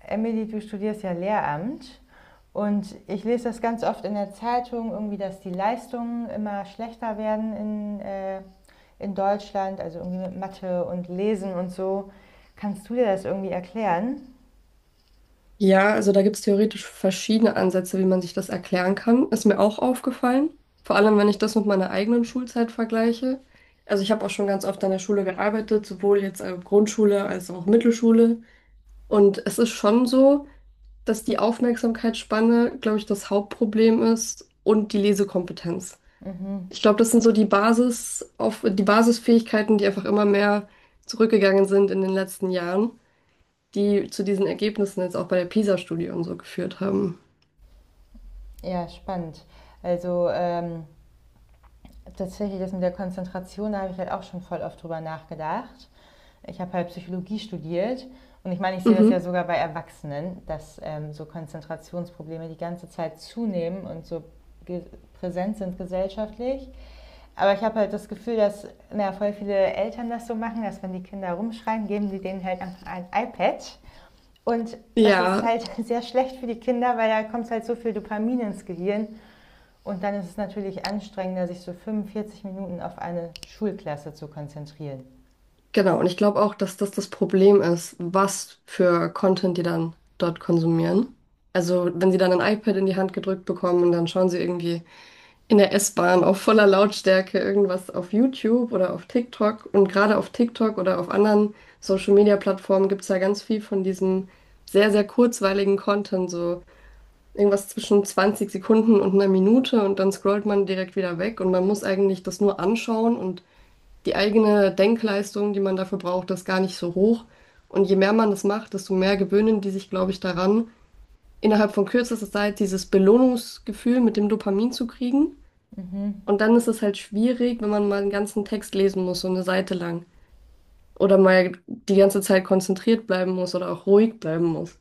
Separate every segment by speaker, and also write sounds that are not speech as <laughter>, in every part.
Speaker 1: Emily, du studierst ja Lehramt und ich lese das ganz oft in der Zeitung, irgendwie, dass die Leistungen immer schlechter werden in Deutschland, also irgendwie mit Mathe und Lesen und so. Kannst du dir das irgendwie erklären?
Speaker 2: Ja, also da gibt es theoretisch verschiedene Ansätze, wie man sich das erklären kann. Ist mir auch aufgefallen. Vor allem, wenn ich das mit meiner eigenen Schulzeit vergleiche. Also ich habe auch schon ganz oft an der Schule gearbeitet, sowohl jetzt Grundschule als auch Mittelschule. Und es ist schon so, dass die Aufmerksamkeitsspanne, glaube ich, das Hauptproblem ist und die Lesekompetenz.
Speaker 1: Mhm.
Speaker 2: Ich glaube, das sind so die Basisfähigkeiten, die einfach immer mehr zurückgegangen sind in den letzten Jahren, die zu diesen Ergebnissen jetzt auch bei der PISA-Studie und so geführt haben.
Speaker 1: Ja, spannend. Also ähm, Tatsächlich, das mit der Konzentration, da habe ich halt auch schon voll oft drüber nachgedacht. Ich habe halt Psychologie studiert, und ich meine, ich sehe das ja
Speaker 2: Mhm.
Speaker 1: sogar bei Erwachsenen, dass so Konzentrationsprobleme die ganze Zeit zunehmen und so präsent sind gesellschaftlich. Aber ich habe halt das Gefühl, dass na, voll viele Eltern das so machen, dass, wenn die Kinder rumschreien, geben sie denen halt einfach ein iPad. Und das ist
Speaker 2: Ja,
Speaker 1: halt <laughs> sehr schlecht für die Kinder, weil da kommt halt so viel Dopamin ins Gehirn, und dann ist es natürlich anstrengender, sich so 45 Minuten auf eine Schulklasse zu konzentrieren.
Speaker 2: genau. Und ich glaube auch, dass das das Problem ist, was für Content die dann dort konsumieren. Also, wenn sie dann ein iPad in die Hand gedrückt bekommen und dann schauen sie irgendwie in der S-Bahn auf voller Lautstärke irgendwas auf YouTube oder auf TikTok. Und gerade auf TikTok oder auf anderen Social-Media-Plattformen gibt es ja ganz viel von diesem sehr, sehr kurzweiligen Content, so irgendwas zwischen 20 Sekunden und einer Minute, und dann scrollt man direkt wieder weg und man muss eigentlich das nur anschauen, und die eigene Denkleistung, die man dafür braucht, ist gar nicht so hoch. Und je mehr man das macht, desto mehr gewöhnen die sich, glaube ich, daran, innerhalb von kürzester Zeit dieses Belohnungsgefühl mit dem Dopamin zu kriegen.
Speaker 1: Mhm.
Speaker 2: Und dann ist es halt schwierig, wenn man mal einen ganzen Text lesen muss, so eine Seite lang. Oder mal die ganze Zeit konzentriert bleiben muss oder auch ruhig bleiben muss.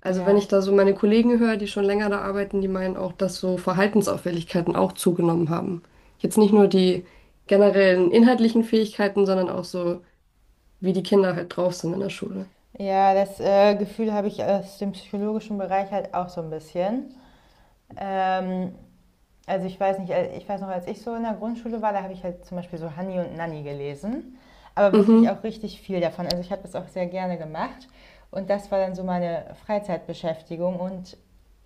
Speaker 2: Also wenn ich
Speaker 1: Ja.
Speaker 2: da so meine Kollegen höre, die schon länger da arbeiten, die meinen auch, dass so Verhaltensauffälligkeiten auch zugenommen haben. Jetzt nicht nur die generellen inhaltlichen Fähigkeiten, sondern auch so, wie die Kinder halt drauf sind in der Schule.
Speaker 1: Ja, das Gefühl habe ich aus dem psychologischen Bereich halt auch so ein bisschen. Ähm, Also ich weiß nicht, ich weiß noch, als ich so in der Grundschule war, da habe ich halt zum Beispiel so Hanni und Nanni gelesen, aber wirklich
Speaker 2: Mhm.
Speaker 1: auch richtig viel davon. Also ich habe das auch sehr gerne gemacht, und das war dann so meine Freizeitbeschäftigung und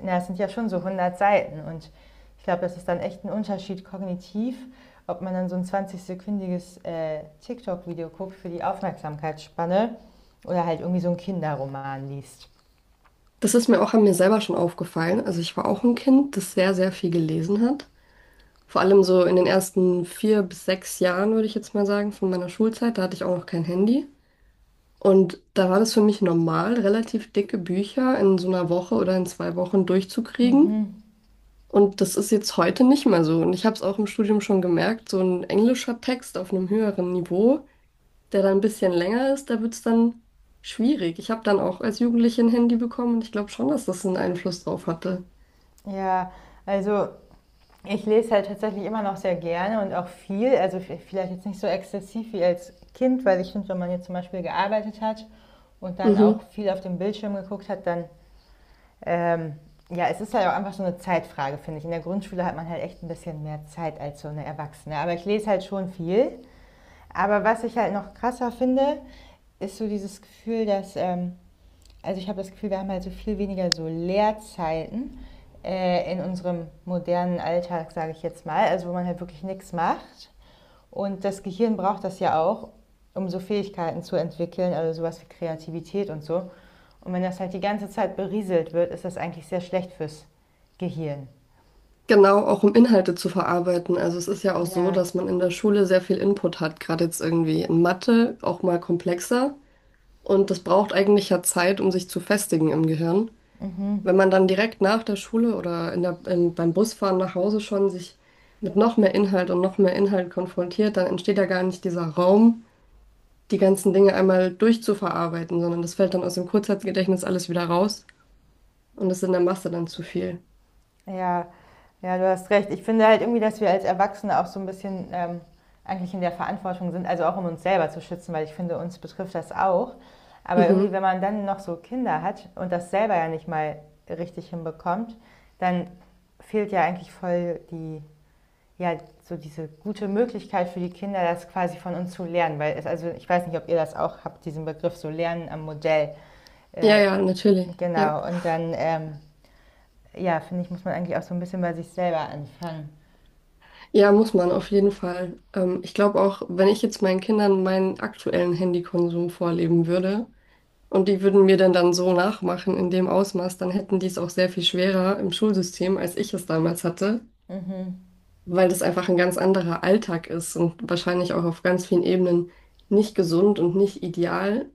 Speaker 1: na, es sind ja schon so 100 Seiten, und ich glaube, das ist dann echt ein Unterschied kognitiv, ob man dann so ein 20-sekündiges TikTok-Video guckt für die Aufmerksamkeitsspanne oder halt irgendwie so einen Kinderroman liest.
Speaker 2: Das ist mir auch an mir selber schon aufgefallen. Also ich war auch ein Kind, das sehr, sehr viel gelesen hat. Vor allem so in den ersten 4 bis 6 Jahren, würde ich jetzt mal sagen, von meiner Schulzeit, da hatte ich auch noch kein Handy. Und da war das für mich normal, relativ dicke Bücher in so einer Woche oder in 2 Wochen durchzukriegen. Und das ist jetzt heute nicht mehr so. Und ich habe es auch im Studium schon gemerkt, so ein englischer Text auf einem höheren Niveau, der dann ein bisschen länger ist, da wird es dann schwierig. Ich habe dann auch als Jugendliche ein Handy bekommen und ich glaube schon, dass das einen Einfluss drauf hatte.
Speaker 1: Ja, also ich lese halt tatsächlich immer noch sehr gerne und auch viel, also vielleicht jetzt nicht so exzessiv wie als Kind, weil ich finde, wenn man jetzt zum Beispiel gearbeitet hat und dann auch
Speaker 2: Mhm.
Speaker 1: viel auf dem Bildschirm geguckt hat, dann, ähm, ja, es ist halt auch einfach so eine Zeitfrage, finde ich. In der Grundschule hat man halt echt ein bisschen mehr Zeit als so eine Erwachsene. Aber ich lese halt schon viel. Aber was ich halt noch krasser finde, ist so dieses Gefühl, dass also ich habe das Gefühl, wir haben halt so viel weniger so Leerzeiten in unserem modernen Alltag, sage ich jetzt mal, also wo man halt wirklich nichts macht. Und das Gehirn braucht das ja auch, um so Fähigkeiten zu entwickeln, also sowas wie Kreativität und so. Und wenn das halt die ganze Zeit berieselt wird, ist das eigentlich sehr schlecht fürs Gehirn.
Speaker 2: Genau, auch um Inhalte zu verarbeiten. Also es ist ja auch so,
Speaker 1: Ja.
Speaker 2: dass man in der Schule sehr viel Input hat, gerade jetzt irgendwie in Mathe, auch mal komplexer. Und das braucht eigentlich ja Zeit, um sich zu festigen im Gehirn. Wenn man dann direkt nach der Schule oder beim Busfahren nach Hause schon sich mit noch mehr Inhalt und noch mehr Inhalt konfrontiert, dann entsteht ja gar nicht dieser Raum, die ganzen Dinge einmal durchzuverarbeiten, sondern das fällt dann aus dem Kurzzeitgedächtnis alles wieder raus und ist in der Masse dann zu viel.
Speaker 1: Ja, ja, du hast recht. Ich finde halt irgendwie, dass wir als Erwachsene auch so ein bisschen eigentlich in der Verantwortung sind, also auch um uns selber zu schützen, weil ich finde, uns betrifft das auch. Aber irgendwie, wenn
Speaker 2: Mhm.
Speaker 1: man dann noch so Kinder hat und das selber ja nicht mal richtig hinbekommt, dann fehlt ja eigentlich voll die, ja, so diese gute Möglichkeit für die Kinder, das quasi von uns zu lernen. Weil es, also ich weiß nicht, ob ihr das auch habt, diesen Begriff so Lernen am Modell.
Speaker 2: Ja,
Speaker 1: Äh,
Speaker 2: ja, natürlich. Ja,
Speaker 1: genau, und dann ja, finde ich, muss man eigentlich auch so ein bisschen bei sich selber anfangen.
Speaker 2: ja, muss man auf jeden Fall. Ich glaube auch, wenn ich jetzt meinen Kindern meinen aktuellen Handykonsum vorleben würde, und die würden mir dann so nachmachen in dem Ausmaß, dann hätten die es auch sehr viel schwerer im Schulsystem, als ich es damals hatte, weil das einfach ein ganz anderer Alltag ist und wahrscheinlich auch auf ganz vielen Ebenen nicht gesund und nicht ideal,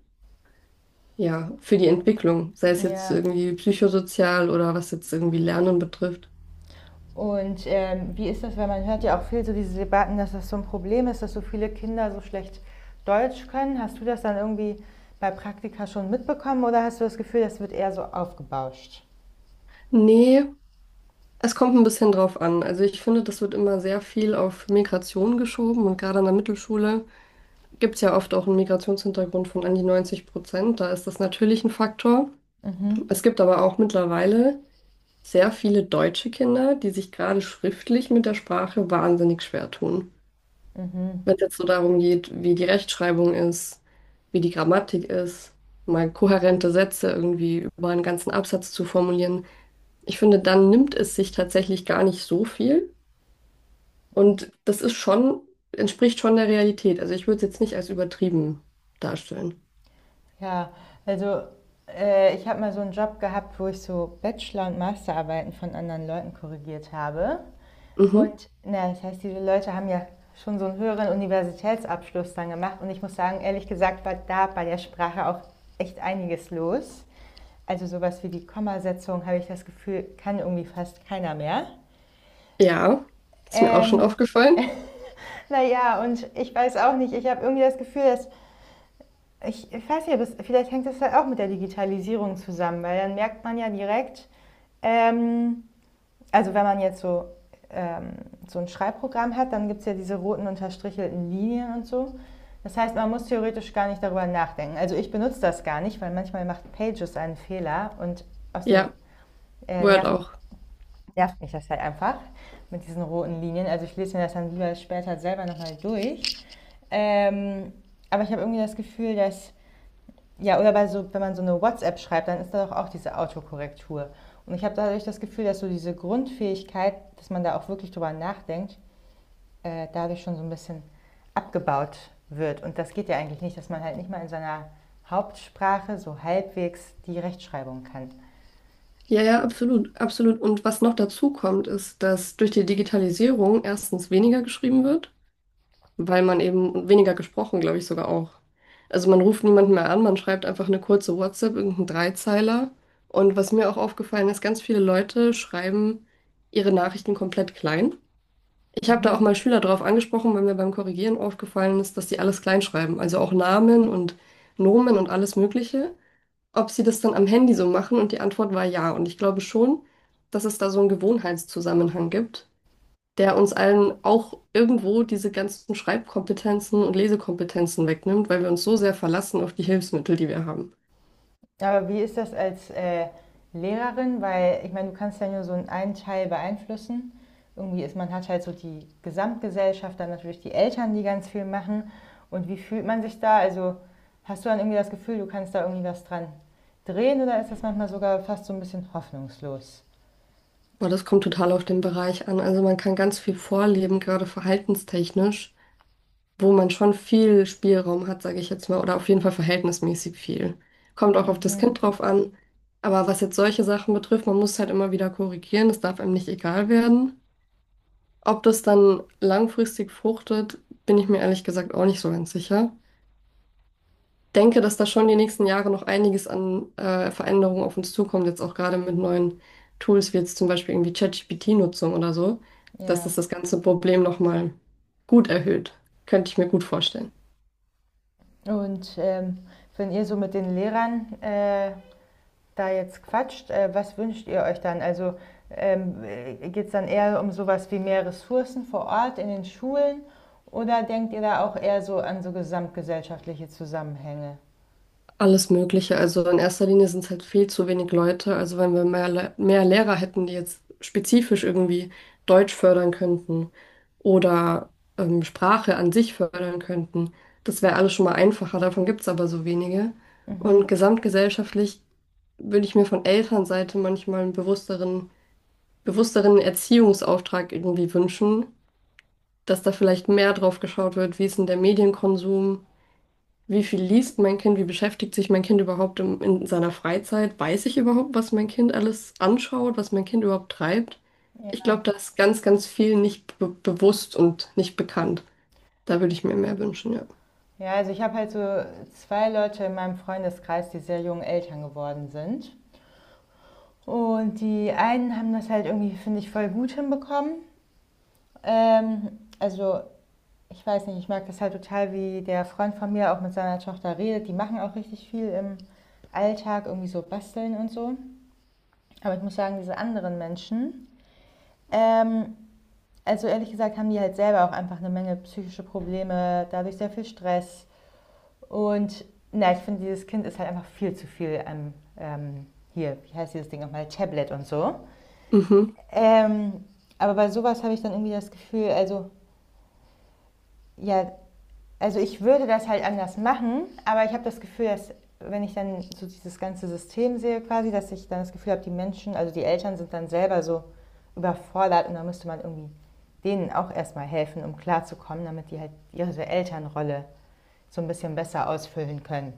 Speaker 2: ja, für die Entwicklung, sei es jetzt
Speaker 1: Ja.
Speaker 2: irgendwie psychosozial oder was jetzt irgendwie Lernen betrifft.
Speaker 1: Und wie ist das, weil man hört ja auch viel so diese Debatten, dass das so ein Problem ist, dass so viele Kinder so schlecht Deutsch können. Hast du das dann irgendwie bei Praktika schon mitbekommen oder hast du das Gefühl, das wird eher so aufgebauscht?
Speaker 2: Nee, es kommt ein bisschen drauf an. Also ich finde, das wird immer sehr viel auf Migration geschoben und gerade an der Mittelschule gibt es ja oft auch einen Migrationshintergrund von an die 90%. Da ist das natürlich ein Faktor. Es gibt aber auch mittlerweile sehr viele deutsche Kinder, die sich gerade schriftlich mit der Sprache wahnsinnig schwer tun. Wenn es jetzt so darum geht, wie die Rechtschreibung ist, wie die Grammatik ist, mal kohärente Sätze irgendwie über einen ganzen Absatz zu formulieren. Ich finde, dann nimmt es sich tatsächlich gar nicht so viel. Und
Speaker 1: Okay.
Speaker 2: das ist schon, entspricht schon der Realität. Also ich würde es jetzt nicht als übertrieben darstellen.
Speaker 1: Ja, also ich habe mal so einen Job gehabt, wo ich so Bachelor- und Masterarbeiten von anderen Leuten korrigiert habe.
Speaker 2: Mhm.
Speaker 1: Und na, das heißt, diese Leute haben ja schon so einen höheren Universitätsabschluss dann gemacht. Und ich muss sagen, ehrlich gesagt, war da bei der Sprache auch echt einiges los. Also sowas wie die Kommasetzung, habe ich das Gefühl, kann irgendwie fast keiner mehr.
Speaker 2: Ja, ist mir auch schon
Speaker 1: Ähm,
Speaker 2: aufgefallen.
Speaker 1: naja, und ich weiß auch nicht, ich habe irgendwie das Gefühl, dass, ich weiß nicht, vielleicht hängt das halt auch mit der Digitalisierung zusammen, weil dann merkt man ja direkt, ähm, also wenn man jetzt so, ähm, so ein Schreibprogramm hat, dann gibt es ja diese roten unterstrichelten Linien und so. Das heißt, man muss theoretisch gar nicht darüber nachdenken. Also ich benutze das gar nicht, weil manchmal macht Pages einen Fehler und aus dem
Speaker 2: Ja,
Speaker 1: äh,
Speaker 2: Word
Speaker 1: nervt,
Speaker 2: auch.
Speaker 1: nervt mich das halt einfach mit diesen roten Linien. Also ich lese mir das dann lieber später selber nochmal durch. Ähm, aber ich habe irgendwie das Gefühl, dass ja, oder bei so, wenn man so eine WhatsApp schreibt, dann ist da doch auch diese Autokorrektur. Und ich habe dadurch das Gefühl, dass so diese Grundfähigkeit, dass man da auch wirklich drüber nachdenkt, dadurch schon so ein bisschen abgebaut wird. Und das geht ja eigentlich nicht, dass man halt nicht mal in seiner Hauptsprache so halbwegs die Rechtschreibung kann.
Speaker 2: Ja, ja, absolut, absolut. Und was noch dazu kommt, ist, dass durch die Digitalisierung erstens weniger geschrieben wird, weil man eben und weniger gesprochen, glaube ich, sogar auch. Also man ruft niemanden mehr an, man schreibt einfach eine kurze WhatsApp, irgendeinen Dreizeiler. Und was mir auch aufgefallen ist, ganz viele Leute schreiben ihre Nachrichten komplett klein. Ich habe da auch
Speaker 1: Mhm.
Speaker 2: mal Schüler drauf angesprochen, weil mir beim Korrigieren aufgefallen ist, dass die alles klein schreiben. Also auch Namen und Nomen und alles Mögliche, ob sie das dann am Handy so machen, und die Antwort war ja. Und ich glaube schon, dass es da so einen Gewohnheitszusammenhang gibt, der uns allen auch irgendwo diese ganzen Schreibkompetenzen und Lesekompetenzen wegnimmt, weil wir uns so sehr verlassen auf die Hilfsmittel, die wir haben.
Speaker 1: Aber wie ist das als Lehrerin? Weil ich meine, du kannst ja nur so einen Teil beeinflussen. Irgendwie ist man, hat halt so die Gesamtgesellschaft, dann natürlich die Eltern, die ganz viel machen. Und wie fühlt man sich da? Also hast du dann irgendwie das Gefühl, du kannst da irgendwie was dran drehen, oder ist das manchmal sogar fast so ein bisschen hoffnungslos?
Speaker 2: Aber das kommt total auf den Bereich an. Also man kann ganz viel vorleben, gerade verhaltenstechnisch, wo man schon viel Spielraum hat, sage ich jetzt mal, oder auf jeden Fall verhältnismäßig viel. Kommt auch auf das
Speaker 1: Mhm,
Speaker 2: Kind drauf an. Aber was jetzt solche Sachen betrifft, man muss halt immer wieder korrigieren, es darf einem nicht egal werden. Ob das dann langfristig fruchtet, bin ich mir ehrlich gesagt auch nicht so ganz sicher. Denke, dass da schon die nächsten Jahre noch einiges an Veränderungen auf uns zukommt, jetzt auch gerade mit neuen Tools wie jetzt zum Beispiel irgendwie ChatGPT-Nutzung oder so, dass das
Speaker 1: ja.
Speaker 2: das ganze Problem nochmal gut erhöht. Könnte ich mir gut vorstellen.
Speaker 1: Und wenn ihr so mit den Lehrern da jetzt quatscht, was wünscht ihr euch dann? Also ähm, geht es dann eher um sowas wie mehr Ressourcen vor Ort in den Schulen oder denkt ihr da auch eher so an so gesamtgesellschaftliche Zusammenhänge?
Speaker 2: Alles Mögliche. Also in erster Linie sind es halt viel zu wenig Leute. Also wenn wir mehr, mehr Lehrer hätten, die jetzt spezifisch irgendwie Deutsch fördern könnten oder Sprache an sich fördern könnten, das wäre alles schon mal einfacher. Davon gibt es aber so wenige.
Speaker 1: Mhm.
Speaker 2: Und gesamtgesellschaftlich würde ich mir von Elternseite manchmal einen bewussteren, bewussteren Erziehungsauftrag irgendwie wünschen, dass da vielleicht mehr drauf geschaut wird, wie ist denn der Medienkonsum. Wie viel liest mein Kind? Wie beschäftigt sich mein Kind überhaupt in seiner Freizeit? Weiß ich überhaupt, was mein Kind alles anschaut, was mein Kind überhaupt treibt? Ich
Speaker 1: Ja.
Speaker 2: glaube, da ist ganz, ganz viel nicht be bewusst und nicht bekannt. Da würde ich mir mehr wünschen, ja.
Speaker 1: Ja, also ich habe halt so zwei Leute in meinem Freundeskreis, die sehr jung Eltern geworden sind. Und die einen haben das halt irgendwie, finde ich, voll gut hinbekommen. Also ich weiß nicht, ich mag das halt total, wie der Freund von mir auch mit seiner Tochter redet. Die machen auch richtig viel im Alltag, irgendwie so basteln und so. Aber ich muss sagen, diese anderen Menschen, ähm, also ehrlich gesagt, haben die halt selber auch einfach eine Menge psychische Probleme, dadurch sehr viel Stress. Und na, ich finde, dieses Kind ist halt einfach viel zu viel am, hier, wie heißt dieses Ding nochmal, Tablet und so.
Speaker 2: Mhm.
Speaker 1: Ähm, aber bei sowas habe ich dann irgendwie das Gefühl, also ja, also ich würde das halt anders machen, aber ich habe das Gefühl, dass, wenn ich dann so dieses ganze System sehe quasi, dass ich dann das Gefühl habe, die Menschen, also die Eltern sind dann selber so überfordert, und da müsste man irgendwie denen auch erstmal helfen, um klarzukommen, damit die halt ihre Elternrolle so ein bisschen besser ausfüllen können.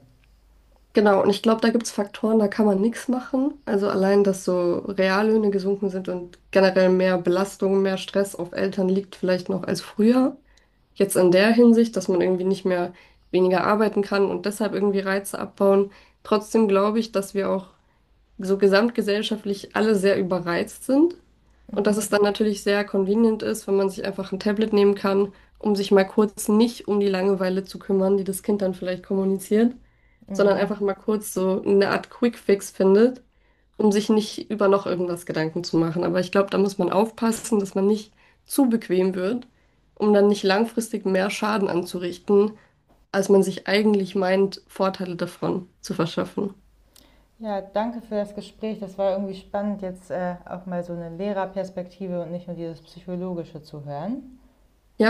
Speaker 2: Genau, und ich glaube, da gibt es Faktoren, da kann man nichts machen. Also allein, dass so Reallöhne gesunken sind und generell mehr Belastung, mehr Stress auf Eltern liegt vielleicht noch als früher. Jetzt in der Hinsicht, dass man irgendwie nicht mehr weniger arbeiten kann und deshalb irgendwie Reize abbauen. Trotzdem glaube ich, dass wir auch so gesamtgesellschaftlich alle sehr überreizt sind. Und dass
Speaker 1: Mhm.
Speaker 2: es dann natürlich sehr convenient ist, wenn man sich einfach ein Tablet nehmen kann, um sich mal kurz nicht um die Langeweile zu kümmern, die das Kind dann vielleicht kommuniziert, sondern
Speaker 1: Mhm.
Speaker 2: einfach mal kurz so eine Art Quick-Fix findet, um sich nicht über noch irgendwas Gedanken zu machen. Aber ich glaube, da muss man aufpassen, dass man nicht zu bequem wird, um dann nicht langfristig mehr Schaden anzurichten, als man sich eigentlich meint, Vorteile davon zu verschaffen.
Speaker 1: Ja, danke für das Gespräch. Das war irgendwie spannend, jetzt auch mal so eine Lehrerperspektive und nicht nur dieses Psychologische zu hören.